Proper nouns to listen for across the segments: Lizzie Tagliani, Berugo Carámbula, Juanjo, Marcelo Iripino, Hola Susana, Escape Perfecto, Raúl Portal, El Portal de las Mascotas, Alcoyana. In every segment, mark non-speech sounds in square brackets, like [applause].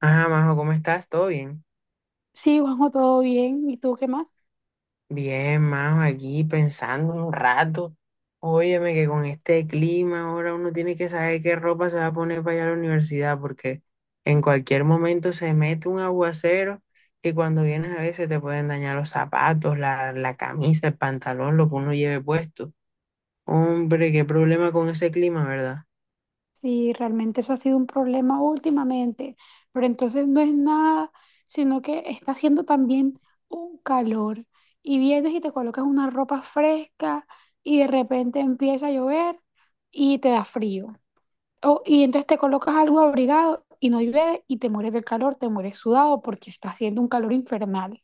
Ah, Majo, ¿cómo estás? ¿Todo bien? Sí, Juanjo, todo bien. ¿Y tú qué más? Bien, Majo, aquí pensando un rato. Óyeme, que con este clima ahora uno tiene que saber qué ropa se va a poner para ir a la universidad, porque en cualquier momento se mete un aguacero y cuando vienes a veces te pueden dañar los zapatos, la camisa, el pantalón, lo que uno lleve puesto. Hombre, qué problema con ese clima, ¿verdad? Sí, realmente eso ha sido un problema últimamente, pero entonces no es nada, sino que está haciendo también un calor y vienes y te colocas una ropa fresca y de repente empieza a llover y te da frío. O, y entonces te colocas algo abrigado y no llueve y te mueres del calor, te mueres sudado porque está haciendo un calor infernal.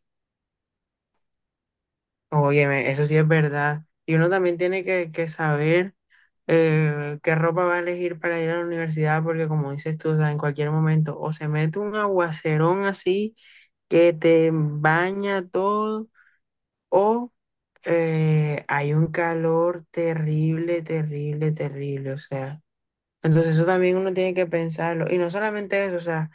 Óyeme, eso sí es verdad. Y uno también tiene que saber. ¿Qué ropa va a elegir para ir a la universidad? Porque como dices tú, o sea, en cualquier momento o se mete un aguacerón así que te baña todo, o hay un calor terrible, terrible, terrible, o sea. Entonces eso también uno tiene que pensarlo. Y no solamente eso, o sea,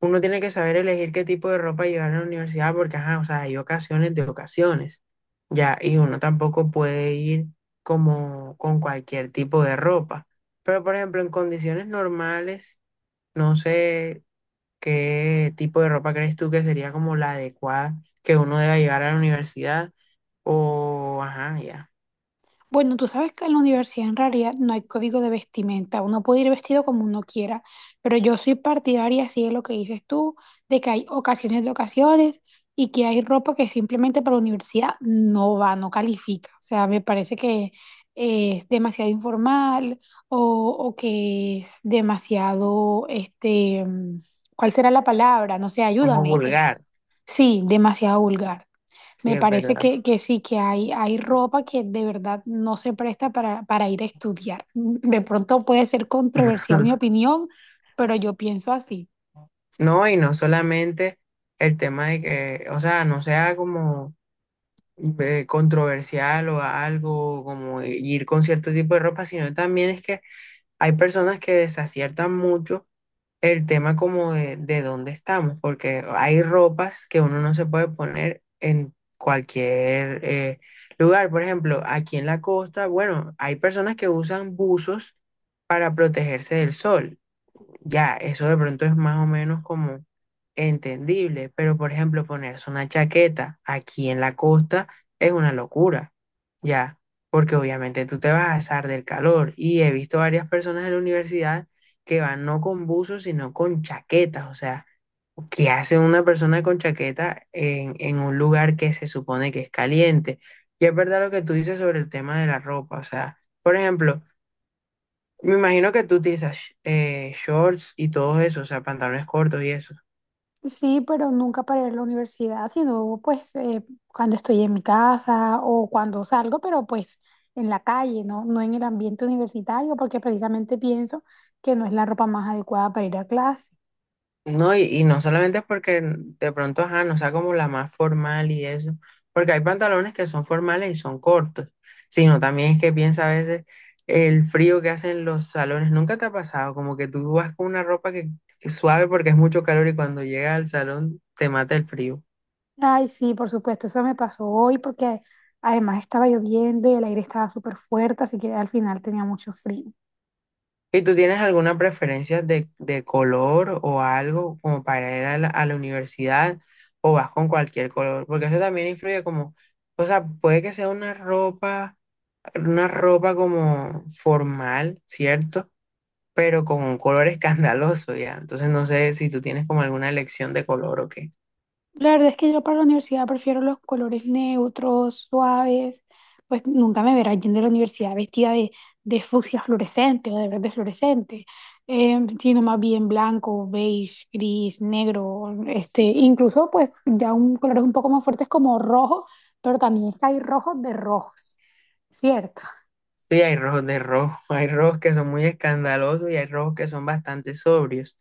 uno tiene que saber elegir qué tipo de ropa llevar a la universidad porque, ajá, o sea, hay ocasiones de ocasiones, ya, y uno tampoco puede ir como con cualquier tipo de ropa. Pero, por ejemplo, en condiciones normales, no sé qué tipo de ropa crees tú que sería como la adecuada que uno deba llevar a la universidad o, ajá, ya, Bueno, tú sabes que en la universidad en realidad no hay código de vestimenta, uno puede ir vestido como uno quiera, pero yo soy partidaria, así de lo que dices tú, de que hay ocasiones de ocasiones y que hay ropa que simplemente para la universidad no va, no califica. O sea, me parece que es demasiado informal o, o que es demasiado, este, ¿cuál será la palabra? No sé, como ayúdame. Vulgar, Sí, demasiado vulgar. sí, Me es parece verdad. Que sí, que hay ropa que de verdad no se presta para ir a estudiar. De pronto puede ser controversial mi [laughs] opinión, pero yo pienso así. No, y no solamente el tema de que, o sea, no sea como controversial o algo, como ir con cierto tipo de ropa, sino también es que hay personas que desaciertan mucho el tema como de dónde estamos, porque hay ropas que uno no se puede poner en cualquier lugar. Por ejemplo, aquí en la costa, bueno, hay personas que usan buzos para protegerse del sol. Ya, eso de pronto es más o menos como entendible, pero por ejemplo, ponerse una chaqueta aquí en la costa es una locura, ya, porque obviamente tú te vas a asar del calor y he visto varias personas en la universidad que van no con buzos, sino con chaquetas, o sea, ¿qué hace una persona con chaqueta en un lugar que se supone que es caliente? Y es verdad lo que tú dices sobre el tema de la ropa, o sea, por ejemplo, me imagino que tú utilizas shorts y todo eso, o sea, pantalones cortos y eso. Sí, pero nunca para ir a la universidad, sino pues cuando estoy en mi casa o cuando salgo, pero pues en la calle, ¿no? No en el ambiente universitario, porque precisamente pienso que no es la ropa más adecuada para ir a clase. No, y no solamente es porque de pronto, ajá, no sea como la más formal y eso, porque hay pantalones que son formales y son cortos, sino también es que piensa a veces el frío que hacen los salones. ¿Nunca te ha pasado? Como que tú vas con una ropa que es suave porque es mucho calor y cuando llega al salón te mata el frío. Ay, sí, por supuesto, eso me pasó hoy porque además estaba lloviendo y el aire estaba súper fuerte, así que al final tenía mucho frío. ¿Y tú tienes alguna preferencia de color o algo como para ir a a la universidad o vas con cualquier color? Porque eso también influye como, o sea, puede que sea una ropa como formal, ¿cierto? Pero con un color [laughs] escandaloso ya. Entonces no sé si tú tienes como alguna elección de color o qué. La verdad es que yo para la universidad prefiero los colores neutros, suaves, pues nunca me verás yendo a la universidad vestida de fucsia fluorescente o de verde fluorescente, sino más bien blanco, beige, gris, negro, este, incluso pues ya un colores un poco más fuertes como rojo, pero también es que hay rojos de rojos, ¿cierto? Sí, hay rojos de rojo, [laughs] hay rojos que son muy escandalosos y hay rojos que son bastante sobrios.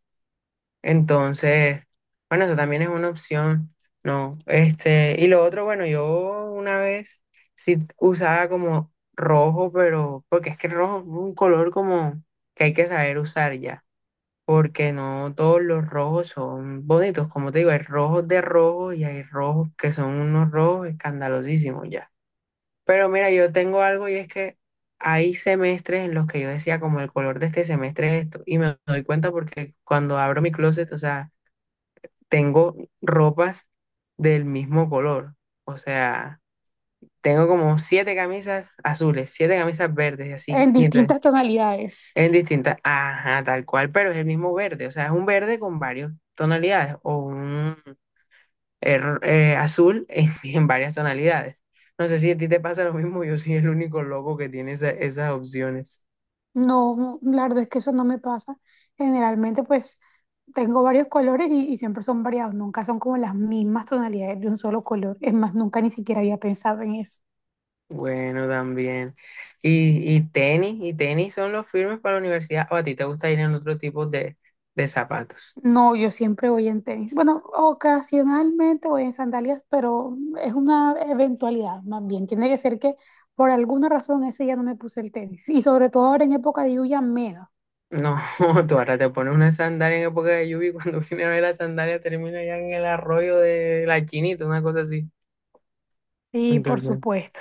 Entonces, bueno, eso también es una opción, ¿no? Este, y lo otro, bueno, yo una vez sí usaba como rojo, pero porque es que el rojo es un color como que hay que saber usar ya, porque no todos los rojos son bonitos, como te digo, hay rojos de rojo y hay rojos que son unos rojos escandalosísimos ya. Pero mira, yo tengo algo y es que hay semestres en los que yo decía como el color de este semestre es esto, y me doy cuenta porque cuando abro mi closet, o sea, tengo ropas del mismo color. O sea, tengo como siete camisas azules, siete camisas verdes y así. En Y entonces, distintas tonalidades. en distintas, ajá, tal cual, pero es el mismo verde. O sea, es un verde con varias tonalidades o un azul en, [laughs] en varias tonalidades. No sé si a ti te pasa lo mismo, yo soy el único loco que tiene esas opciones. No, la verdad es que eso no me pasa. Generalmente, pues tengo varios colores y siempre son variados, nunca son como las mismas tonalidades de un solo color. Es más, nunca ni siquiera había pensado en eso. Bueno, también. Y tenis, y tenis son los firmes para la universidad, o a ti te gusta ir en otro tipo de zapatos. No, yo siempre voy en tenis. Bueno, ocasionalmente voy en sandalias, pero es una eventualidad más bien. Tiene que ser que por alguna razón ese día no me puse el tenis. Y sobre todo ahora en época de lluvia, menos. No, [laughs] tú ahora te pones una sandalia en época de lluvia y cuando [laughs] viene a ver la sandalia termina ya en el arroyo de la Chinita, una cosa así. Sí, por Entonces, supuesto.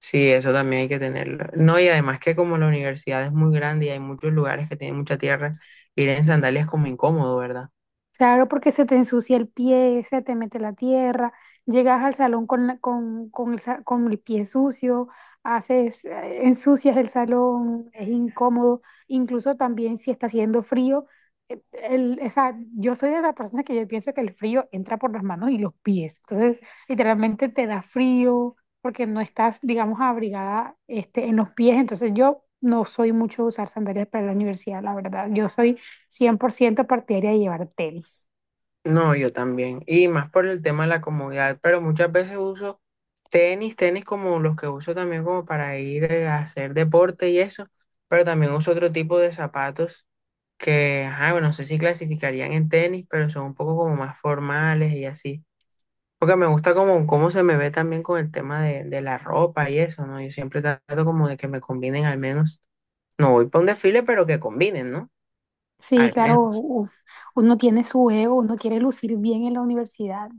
sí, eso también hay que tenerlo. No, y además que como la universidad es muy grande y hay muchos lugares que tienen mucha tierra, ir en sandalias es como incómodo, ¿verdad? Claro, porque se te ensucia el pie, se te mete la tierra, llegas al salón con el, con el pie sucio, haces, ensucias el salón, es incómodo, incluso también si está haciendo frío, el, o sea, yo soy de la persona que yo pienso que el frío entra por las manos y los pies, entonces literalmente te da frío porque no estás, digamos, abrigada este, en los pies, entonces yo no soy mucho de usar sandalias para la universidad, la verdad, yo soy 100% partidaria de llevar tenis. No, yo también. Y más por el tema de la comodidad, pero muchas veces uso tenis, tenis como los que uso también como para ir a hacer deporte y eso, pero también uso otro tipo de zapatos que, ajá, bueno, no sé si clasificarían en tenis, pero son un poco como más formales y así. Porque me gusta como cómo se me ve también con el tema de la ropa y eso, ¿no? Yo siempre trato como de que me combinen al menos. No voy para un desfile, pero que combinen, ¿no? Sí, Al claro, menos. uf, uno tiene su ego, uno quiere lucir bien en la universidad.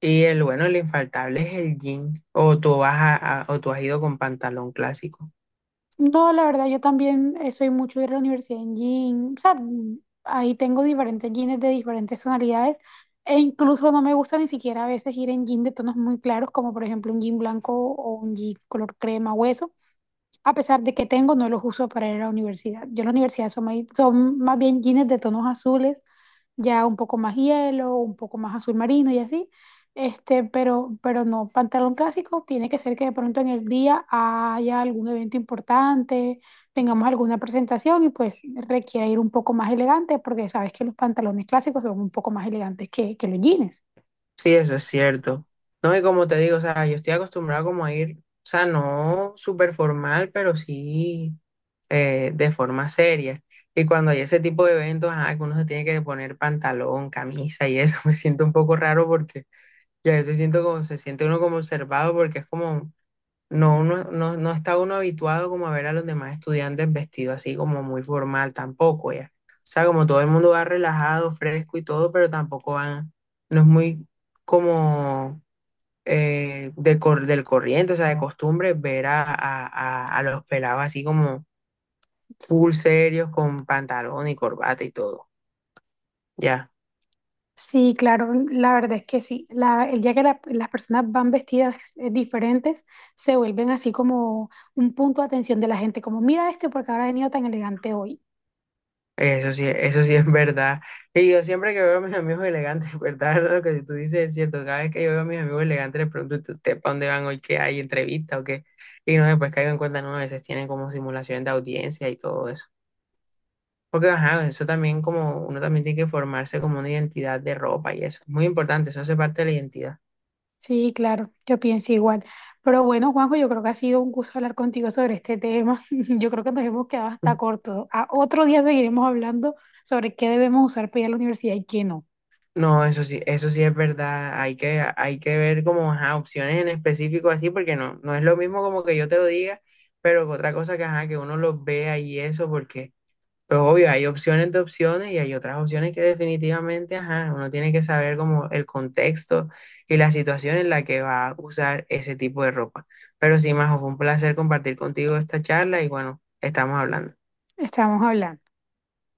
Y el bueno, el infaltable es el jean. O tú vas o tú has ido con pantalón clásico. No, la verdad, yo también soy mucho de ir a la universidad en jean. O sea, ahí tengo diferentes jeans de diferentes tonalidades. E incluso no me gusta ni siquiera a veces ir en jean de tonos muy claros, como por ejemplo un jean blanco o un jean color crema hueso a pesar de que tengo, no los uso para ir a la universidad. Yo en la universidad son, son más bien jeans de tonos azules, ya un poco más hielo, un poco más azul marino y así. Este, pero no, pantalón clásico tiene que ser que de pronto en el día haya algún evento importante, tengamos alguna presentación y pues requiera ir un poco más elegante, porque sabes que los pantalones clásicos son un poco más elegantes que los jeans. Sí, eso es cierto. No, y como te digo, o sea, yo estoy acostumbrado como a ir, o sea, no súper formal, pero sí. De forma seria. Y cuando hay ese tipo de eventos, ajá, que uno se tiene que poner pantalón, camisa y eso, [laughs] me siento un poco raro porque ya a veces siento como, se siente uno como observado porque es como, no, uno, no, no está uno habituado como a ver a los demás estudiantes vestidos así como muy formal tampoco, ya. O sea, como todo el mundo va relajado, fresco y todo, pero tampoco van, no es muy como de cor- del corriente, o sea, de costumbre ver a los pelados así como full serios con pantalón y corbata y todo. Ya, Sí, claro, la verdad es que sí. La, el día que las personas van vestidas diferentes, se vuelven así como un punto de atención de la gente, como mira este porque ahora ha venido tan elegante hoy. Eso sí es verdad. Y yo siempre que veo a mis amigos elegantes, [laughs] ¿verdad? Lo que tú dices es cierto. Cada vez que yo veo a mis amigos elegantes, les pregunto, ¿Ustedes para dónde van hoy? ¿Qué hay? ¿Entrevista o qué? Y no, después caigo en cuenta, no, a veces tienen como simulaciones de audiencia y todo eso. Porque, ajá, eso también como, uno también tiene que formarse como una identidad de ropa y eso. Muy importante, eso hace parte de la identidad. Sí, claro, yo pienso igual. Pero bueno, Juanjo, yo creo que ha sido un gusto hablar contigo sobre este tema. [laughs] Yo creo que nos hemos quedado hasta corto. A otro día seguiremos hablando sobre qué debemos usar para ir a la universidad y qué no. No, eso sí es verdad. Hay que ver como ajá, opciones en específico así, porque no, no es lo mismo como que yo te lo diga, pero que otra cosa que ajá, que uno los vea y eso, porque, pues obvio, hay opciones de opciones y hay otras opciones que definitivamente, ajá, uno tiene que saber como el contexto y la situación en la que va a usar ese tipo de ropa. Pero sí, Majo, fue un placer compartir contigo esta charla y bueno, estamos hablando. Estamos hablando.